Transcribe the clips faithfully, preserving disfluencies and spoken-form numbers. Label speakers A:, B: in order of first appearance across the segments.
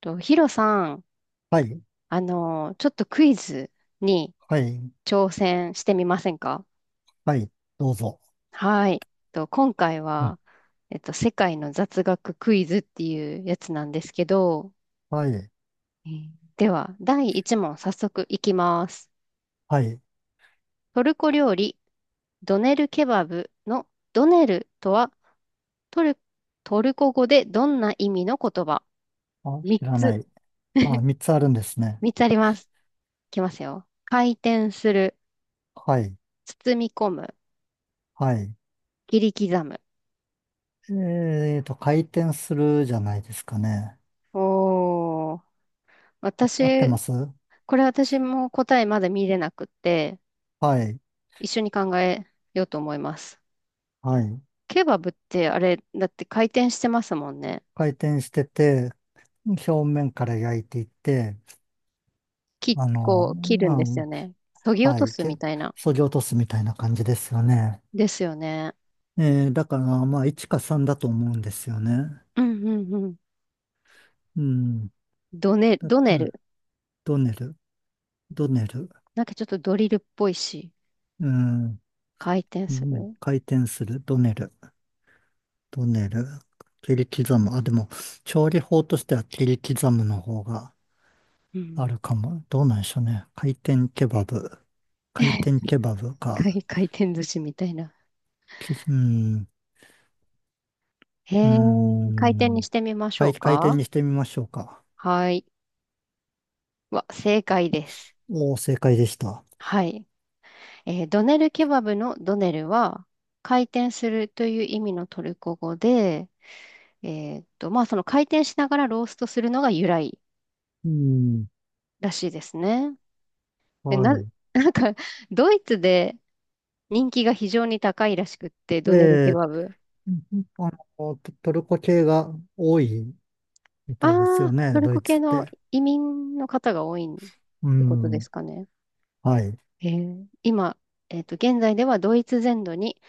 A: と、ヒロさん、
B: はい、
A: あの、ちょっとクイズに
B: はい、
A: 挑戦してみませんか？
B: はい、どうぞ。
A: はい。と、今回
B: はい
A: は、えっと、世界の雑学クイズっていうやつなんですけど、
B: はい、
A: えーでは、だいいち問早速いきます。
B: はい。
A: トルコ料理、ドネルケバブのドネルとはトル、トルコ語でどんな意味の言葉？
B: あ、知ら
A: みっつ
B: な
A: つ、
B: い。あ、三つあるんですね。
A: みっつあります。いきますよ。回転する、
B: はい、
A: 包み込む、
B: はい。
A: 切り刻む。
B: えーと、回転するじゃないですかね。
A: おー。
B: あ、合ってま
A: 私、
B: す。
A: これ私も答えまだ見れなくって、
B: はい、
A: 一緒に考えようと思います。
B: はい。
A: ケバブってあれ、だって回転してますもんね。
B: 回転してて、表面から焼いていって、
A: き、
B: あの、
A: こう、切るんですよね。削
B: あ、
A: ぎ落
B: は
A: と
B: い、
A: す
B: け、
A: みたいな。
B: 削ぎ落とすみたいな感じですよね。
A: ですよね。
B: えー、だから、まあ、いちかさんだと思うんですよね。
A: うんうんうん。
B: うん。
A: ドネ、
B: だっ
A: ド
B: て、
A: ネル。
B: ドネル、ドネル。
A: なんかちょっとドリルっぽいし、
B: うん。
A: 回転
B: う
A: す
B: ん、
A: る。
B: 回転する、ドネル、ドネル、切り刻む。あ、でも、調理法としては切り刻むの方が
A: う
B: あ
A: ん。
B: るかも。どうなんでしょうね。回転ケバブ、回転ケバブ か。
A: 回回転寿司みたいな。
B: き、うん、
A: へ
B: う
A: え、回転に
B: ん、
A: してみましょ
B: 回、
A: う
B: 回転
A: か。
B: にしてみましょうか。
A: はい。わ、正解です。
B: おお、正解でした。
A: はい。えードネルケバブのドネルは回転するという意味のトルコ語で、えーっと、まあその回転しながらローストするのが由来
B: うん、
A: らしいですね。で、
B: は
A: な、
B: い。
A: なんかドイツで人気が非常に高いらしくって、ドネルケバ
B: え
A: ブ。
B: あの、トトルコ系が多いみ
A: あ
B: たいですよ
A: あ、
B: ね、
A: トル
B: ド
A: コ
B: イツ
A: 系
B: っ
A: の
B: て。
A: 移民の方が多いっ
B: う
A: てことで
B: ん、
A: すかね。
B: はい。
A: えー今、えーっと、現在ではドイツ全土に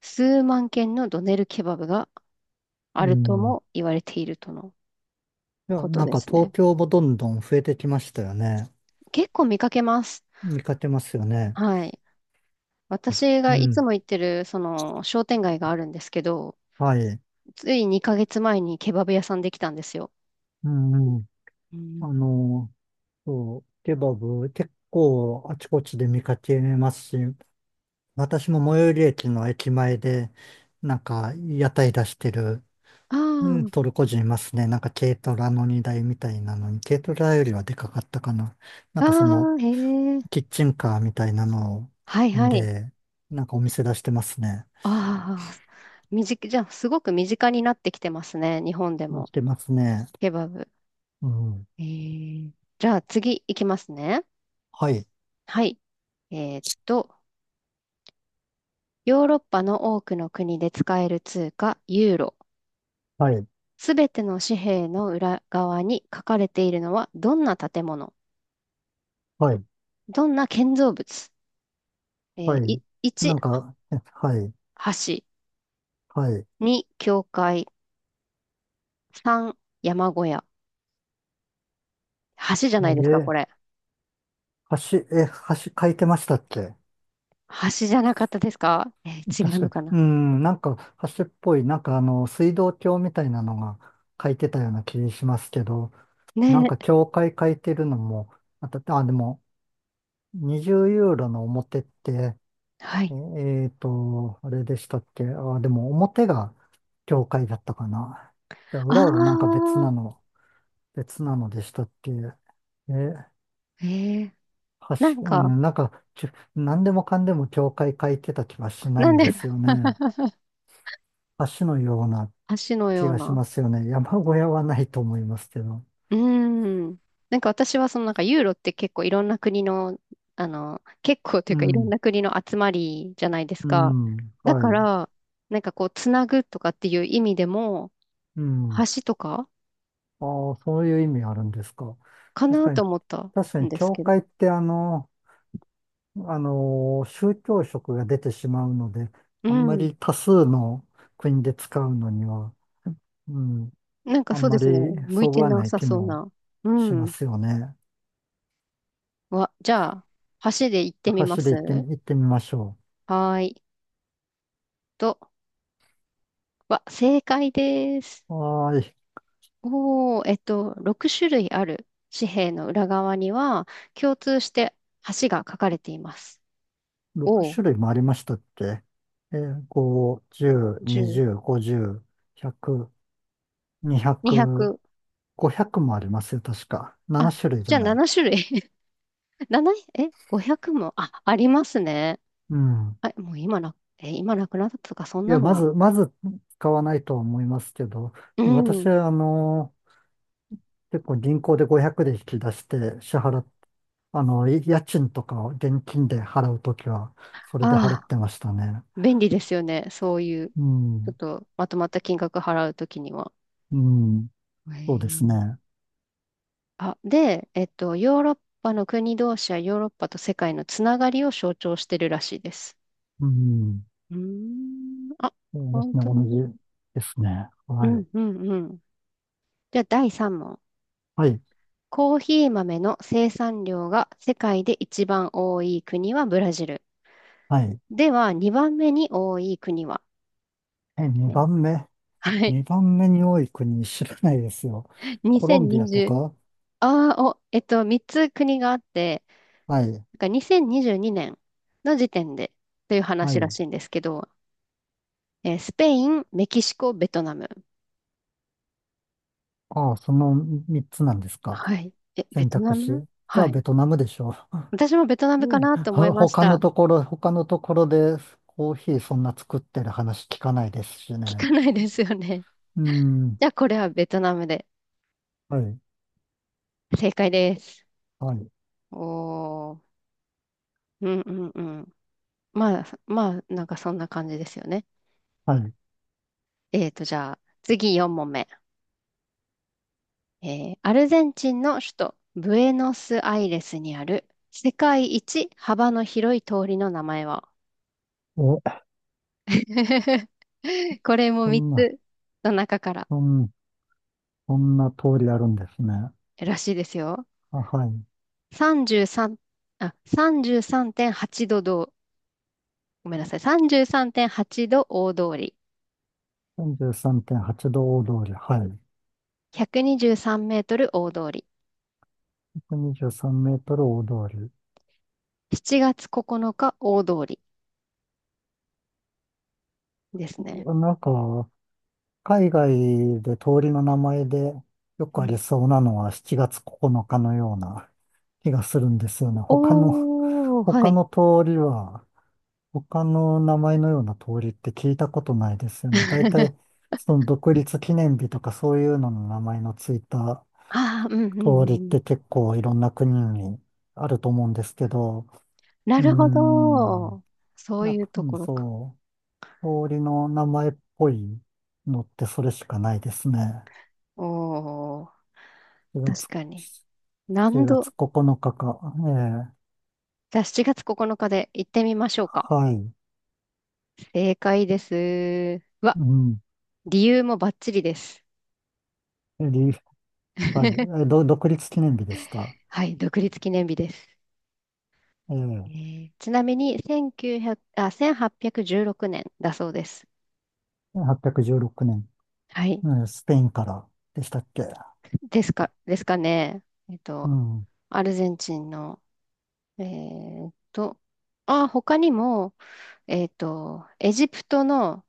A: 数万件のドネルケバブがあ
B: う
A: ると
B: ん、
A: も言われているとの
B: いや、
A: こと
B: なん
A: で
B: か
A: す
B: 東
A: ね。
B: 京もどんどん増えてきましたよね。
A: 結構見かけます。
B: 見かけますよね。
A: はい。私
B: う
A: がい
B: ん。
A: つも行ってる、その、商店街があるんですけど、
B: はい。
A: ついにかげつまえにケバブ屋さんできたんですよ。
B: うんうん。
A: う
B: あ
A: ん。
B: の、そう、ケバブ結構あちこちで見かけますし、私も最寄り駅の駅前で、なんか屋台出してる、
A: あ
B: うん、トルコ人いますね。なんか軽トラの荷台みたいなのに、軽トラよりはでかかったかな。なん
A: あ、
B: かその
A: ああ、へ
B: キ
A: え。
B: ッチンカーみたいなの
A: はいはい。
B: で、なんかお店出してますね。
A: ああ、身近、じゃあ、すごく身近になってきてますね。日本で
B: 出
A: も。
B: してますね。
A: ケバブ。
B: うん。
A: えー、じゃあ、次行きますね。
B: はい、
A: はい。えーっと、ヨーロッパの多くの国で使える通貨、ユーロ。
B: はい、
A: すべての紙幣の裏側に書かれているのはどんな建物、
B: はい、
A: どんな建造物、えー
B: はい。
A: い
B: な
A: いち、
B: んか、えはい、
A: 橋、
B: はい。
A: に、教会、さん、山小屋。橋じゃないですか、こ
B: え、
A: れ。
B: 橋、え、橋書いてましたっけ？
A: 橋じゃなかったですか？え ー違う
B: 確か
A: の
B: に。
A: かな？
B: うん、なんか橋っぽい、なんかあの、水道橋みたいなのが書いてたような気しますけど、なん
A: ね
B: か教会書いてるのも、あた、あ、でも、にじゅうユーロの表って、
A: え、は
B: え
A: い。
B: えーと、あれでしたっけ？あ、でも表が教会だったかな。じゃあ
A: あ
B: 裏はなんか別な
A: あ、
B: の、別なのでしたっけ？え
A: えー、
B: 確
A: なん
B: う
A: か、
B: ん、なんか、ちゅ何でもかんでも教会書いてた気はしな
A: な
B: い
A: ん
B: ん
A: で
B: ですよ ね。橋のような
A: 橋の
B: 気
A: よう
B: がし
A: な、
B: ますよね。山小屋はないと思いますけど。
A: うーん。なんか私はそのなんかユーロって結構いろんな国の、あの、結構という
B: う
A: かいろん
B: ん、
A: な国の集まりじゃないです
B: う
A: か。
B: ん、
A: だ
B: は
A: か
B: い、
A: ら、なんかこう、つなぐとかっていう意味でも、
B: うん。
A: 橋とか
B: ああ、そういう意味あるんですか。
A: か
B: 確
A: な
B: か
A: と
B: に、
A: 思った
B: 確か
A: ん
B: に
A: です
B: 教
A: けど。
B: 会ってあの、あの、宗教色が出てしまうので、
A: う
B: あんま
A: ん。
B: り多数の国で使うのには、うん、
A: なんか
B: あん
A: そう
B: ま
A: で
B: り
A: すね。向い
B: そぐ
A: て
B: わ
A: な
B: ない
A: さ
B: 気
A: そう
B: も
A: な。う
B: しま
A: ん。
B: すよね。
A: わ、じゃあ、橋で行ってみま
B: 箸で行って
A: す。
B: み、行ってみましょ
A: はーい。と、わ、正解です。
B: う。はーい。
A: おー、えっと、ろく種類ある紙幣の裏側には、共通して橋が書かれています。お、
B: ろくしゅるい種類もありましたっけ？えー、ご、じゅう、
A: じゅう、にひゃく、
B: にじゅう、ごじゅう、ひゃく、
A: にひゃ
B: にひゃく、
A: く、
B: ごひゃくもありますよ、確か。なな
A: あ、
B: 種類じ
A: じ
B: ゃ
A: ゃあ
B: ない？
A: なな種類。なな、え、ごひゃくも、あ、ありますね。
B: うん。
A: あ、もう今な、え、今なくなったとか、そん
B: い
A: な
B: や、
A: の
B: ま
A: は。
B: ず、まず使わないとは思いますけど、
A: う
B: 私
A: ん。
B: は、あの、結構銀行でごひゃくで引き出して支払っ、あの、い家賃とかを現金で払うときは、それで払
A: あ
B: っ
A: あ、
B: てましたね。
A: 便利ですよね。そういう、ち
B: う
A: ょっ
B: ん。
A: とまとまった金額払うときには。
B: うん。
A: へ
B: そうです
A: え、
B: ね。
A: あ、で、えっと、ヨーロッパの国同士やヨーロッパと世界のつながりを象徴してるらしいです。
B: うん。
A: うーん。あ、
B: そうです
A: 本
B: ね、
A: 当
B: 同
A: に。
B: じですね。
A: う
B: は
A: ん
B: い。
A: うんうん。じゃあだいさん問。
B: はい。
A: コーヒー豆の生産量が世界で一番多い国はブラジル。
B: はい。
A: ではにばんめに多い国は
B: え、2
A: ね？
B: 番目。
A: はい。
B: にばんめに多い国知らないですよ。コロンビアと
A: にせんにじゅう。
B: か。
A: ああ、お、えっと、みっつ国があって、
B: はい。
A: なんかにせんにじゅうにねんの時点でという
B: は
A: 話ら
B: い。
A: しいんですけど、えースペイン、メキシコ、ベトナム。
B: ああ、そのみっつなんですか。
A: はい。え、ベ
B: 選
A: ト
B: 択
A: ナ
B: 肢。
A: ム、
B: じゃ
A: は
B: あ、ベ
A: い。
B: トナムでしょ
A: 私もベトナ
B: う。
A: ムか
B: うん
A: なと思い
B: ほ
A: まし
B: 他
A: た。
B: のところ、他のところでコーヒーそんな作ってる話聞かないですし
A: 聞
B: ね。
A: かないですよね。
B: うん。
A: じゃあ、これはベトナムで。
B: はい。
A: 正解です。
B: はい。
A: おー。うんうんうん。まあ、まあ、なんかそんな感じですよね。
B: はい。
A: えーと、じゃあ、次よん問目。えーアルゼンチンの首都、ブエノスアイレスにある、世界一幅の広い通りの名前は？
B: お、
A: これも
B: そ
A: 3
B: んな、
A: つの中から
B: そん、そんな通りあるんですね。
A: らしいですよ。
B: あ、はい。
A: さんじゅうさん、あ、さんじゅうさんてんはちどどどう、ごめんなさい。さんじゅうさんてんはちど大通り。
B: さんじゅうさんてんはちど大通り、はい。
A: ひゃくにじゅうさんメートル大通り。
B: ひゃくにじゅうさんメートル大通り。
A: しちがつここのか大通りですね。
B: なんか、海外で通りの名前でよ
A: う
B: くあ
A: ん。
B: りそうなのはしちがつここのかのかのような気がするんですよね。他の、
A: おー、は
B: 他
A: い。
B: の通りは、他の名前のような通りって聞いたことないですよね。大体、その独立記念日とかそういうのの名前のついた
A: ああ、うんう
B: 通りっ
A: んうん。
B: て結構いろんな国にあると思うんですけど、
A: な
B: うー
A: るほ
B: ん。
A: ど。そう
B: なん
A: いう
B: か、
A: と
B: うん、
A: ころか。
B: そう、通りの名前っぽいのってそれしかないですね。
A: おー、
B: 4
A: 確
B: 月、
A: かに。
B: 7
A: 何
B: 月
A: 度
B: ここのかかか。ええ、
A: じゃあしちがつここのかで行ってみましょうか。
B: はい。
A: 正解です。うわ、
B: うん。
A: 理由もバッチリです。
B: り、はい。え、ど、独立記念日でした。
A: はい、独立記念日です。え
B: ええ
A: ーちなみにせんきゅうひゃく、あ、せんはっぴゃくじゅうろくねんだそうです。
B: はっぴゃくじゅうろくねん、
A: はい。
B: うん、スペインからでしたっけ？
A: ですか、ですかね。えっ
B: う
A: と、
B: ん。
A: アルゼンチンの、えーっと、あ、他にも、えーっと、エジプトの、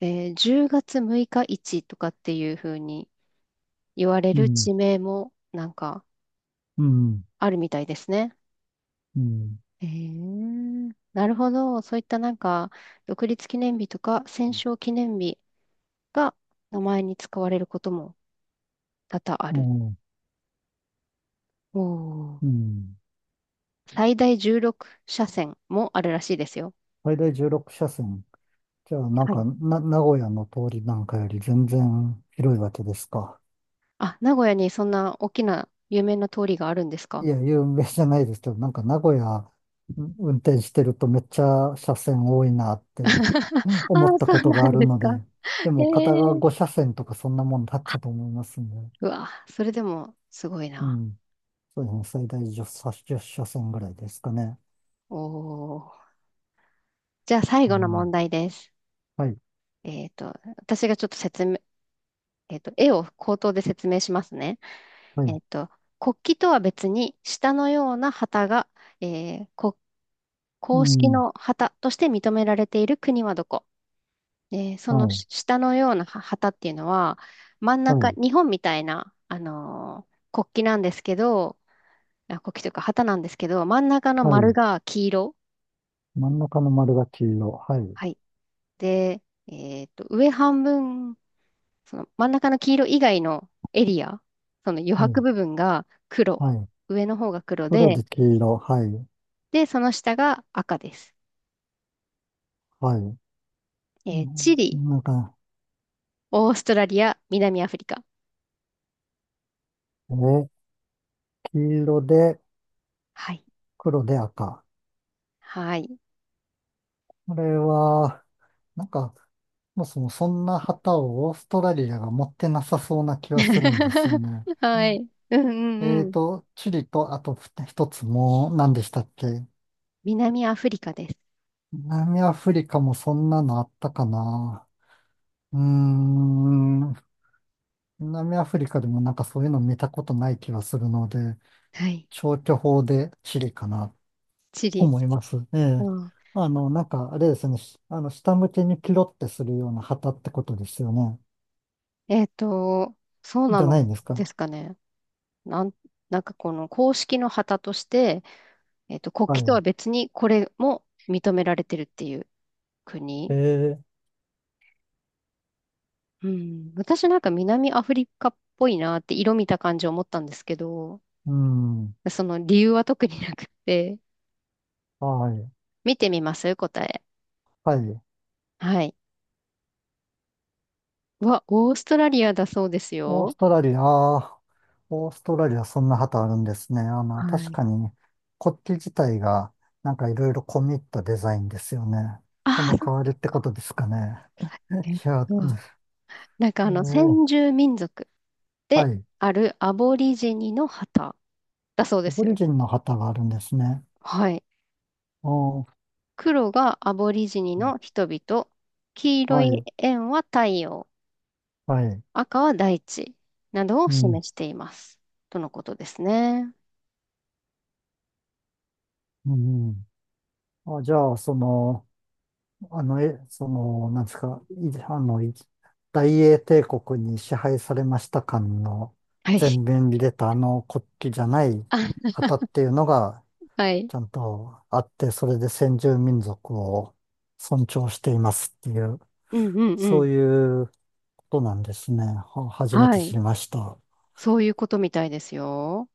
A: えーじゅうがつむいか市とかっていう風に言われ
B: う
A: る
B: ん。
A: 地名もなんか
B: うん。
A: あるみたいですね。
B: うん。
A: えー、なるほど。そういったなんか、独立記念日とか戦勝記念日が名前に使われることも多々あ
B: う
A: る。
B: ん。
A: おー、
B: うん、
A: 最大じゅうろく車線もあるらしいですよ。
B: 最大じゅうろく車線。じゃあ、なん
A: は
B: か、
A: い、
B: な、名古屋の通りなんかより全然広いわけですか？
A: あ、名古屋にそんな大きな有名な通りがあるんですか？
B: いや、有名じゃないですけど、なんか名古屋ん運転してるとめっちゃ車線多いなって うん、
A: あ
B: 思っ
A: あ、
B: た
A: そ
B: こ
A: う
B: と
A: な
B: があ
A: ん
B: る
A: です
B: の
A: か。
B: で、で
A: え
B: も片側
A: え、
B: ご車線とかそんなもんだったと思いますね。
A: うわ、それでもすごい
B: う
A: な。
B: ん。そうですね。最大10車、さじゅう車線ぐらいですかね。
A: おお。じゃあ最
B: う
A: 後の問
B: ん。
A: 題です。
B: はい。
A: えっと、私がちょっと説明、えっと、絵を口頭で説明しますね。
B: はい。
A: えっと、国旗とは別に下のような旗が、えー、こ
B: う
A: 公式
B: ん。
A: の旗として認められている国はどこで、そ
B: は
A: の
B: い。
A: し下のようなは旗っていうのは、真ん
B: は
A: 中、
B: い。
A: 日本みたいな、あのー国旗なんですけど、あ、国旗というか旗なんですけど、真ん中の
B: は
A: 丸
B: い。
A: が黄色。
B: 真ん中の丸が黄色。はい。
A: はい。で、えっと、上半分、その真ん中の黄色以外のエリア、その余
B: は
A: 白
B: い。
A: 部分が黒。
B: はい。
A: 上の方が黒
B: 黒
A: で、
B: で黄色。はい。
A: で、その下が赤です。
B: はい。う
A: えーチ
B: ん、
A: リ、
B: なんか、
A: オーストラリア、南アフリカ。
B: えー黄色で
A: はい。
B: 黒で赤。
A: はい。
B: これは、なんか、そもそもそんな旗をオーストラリアが持ってなさそうな気はするんですよね。
A: はい。うんう
B: え
A: んう
B: ー
A: ん。
B: と、チリと、あと一つもう、何でしたっけ？
A: 南アフリカです。
B: 南アフリカもそんなのあったかな。うーん、南アフリカでもなんかそういうの見たことない気はするので、
A: はい。
B: 消去法でチリかな、
A: チ
B: と
A: リ。
B: 思います。ええ。
A: うん。
B: あの、なんか、あれですね、しあの、下向けにキロってするような旗ってことですよね。
A: えっと、そうな
B: じゃ
A: の
B: ないんです
A: で
B: か？
A: すかね。なん、なんかこの公式の旗として、えっと、国旗とは
B: は
A: 別にこれも認められてるっていう
B: い。え
A: 国。
B: ー、
A: うん。私なんか南アフリカっぽいなって色見た感じ思ったんですけど、
B: うん。
A: その理由は特になくて、
B: はい。
A: 見てみます答え。
B: はい。
A: はい。うわ、オーストラリアだそうです
B: オー
A: よ。
B: ストラリア、あーオーストラリアそんな旗あるんですね。あの、
A: は
B: 確
A: い。
B: かに国旗自体がなんかいろいろ込み入ったデザインですよね。そ
A: ああ、
B: の
A: そっ
B: 代わりってこ
A: か。
B: とですかね。
A: えっ
B: いや、
A: と、なんか
B: え
A: あの、
B: ー、
A: 先住民族
B: は
A: で
B: い。
A: あるアボリジニの旗だそうで
B: アボ
A: す
B: リ
A: よ。
B: ジンの旗があるんですね。
A: はい。
B: あー
A: 黒がアボリジニの人々、黄色
B: は
A: い
B: い、
A: 円は太陽、
B: はい。
A: 赤は大地などを
B: うん、
A: 示しています。とのことですね。
B: うん。あ、じゃあ、その、あの、え、その、なんですか、いあの、い大英帝国に支配されました感の
A: は
B: 前
A: い。
B: 面に出たあの国旗じゃない
A: あ、
B: 旗っていうのが
A: はい。
B: ちゃんとあって、それで先住民族を尊重していますっていう、
A: うんうんうん。
B: そういうことなんですね。は初め
A: は
B: て知
A: い。
B: りました。
A: そういうことみたいですよ。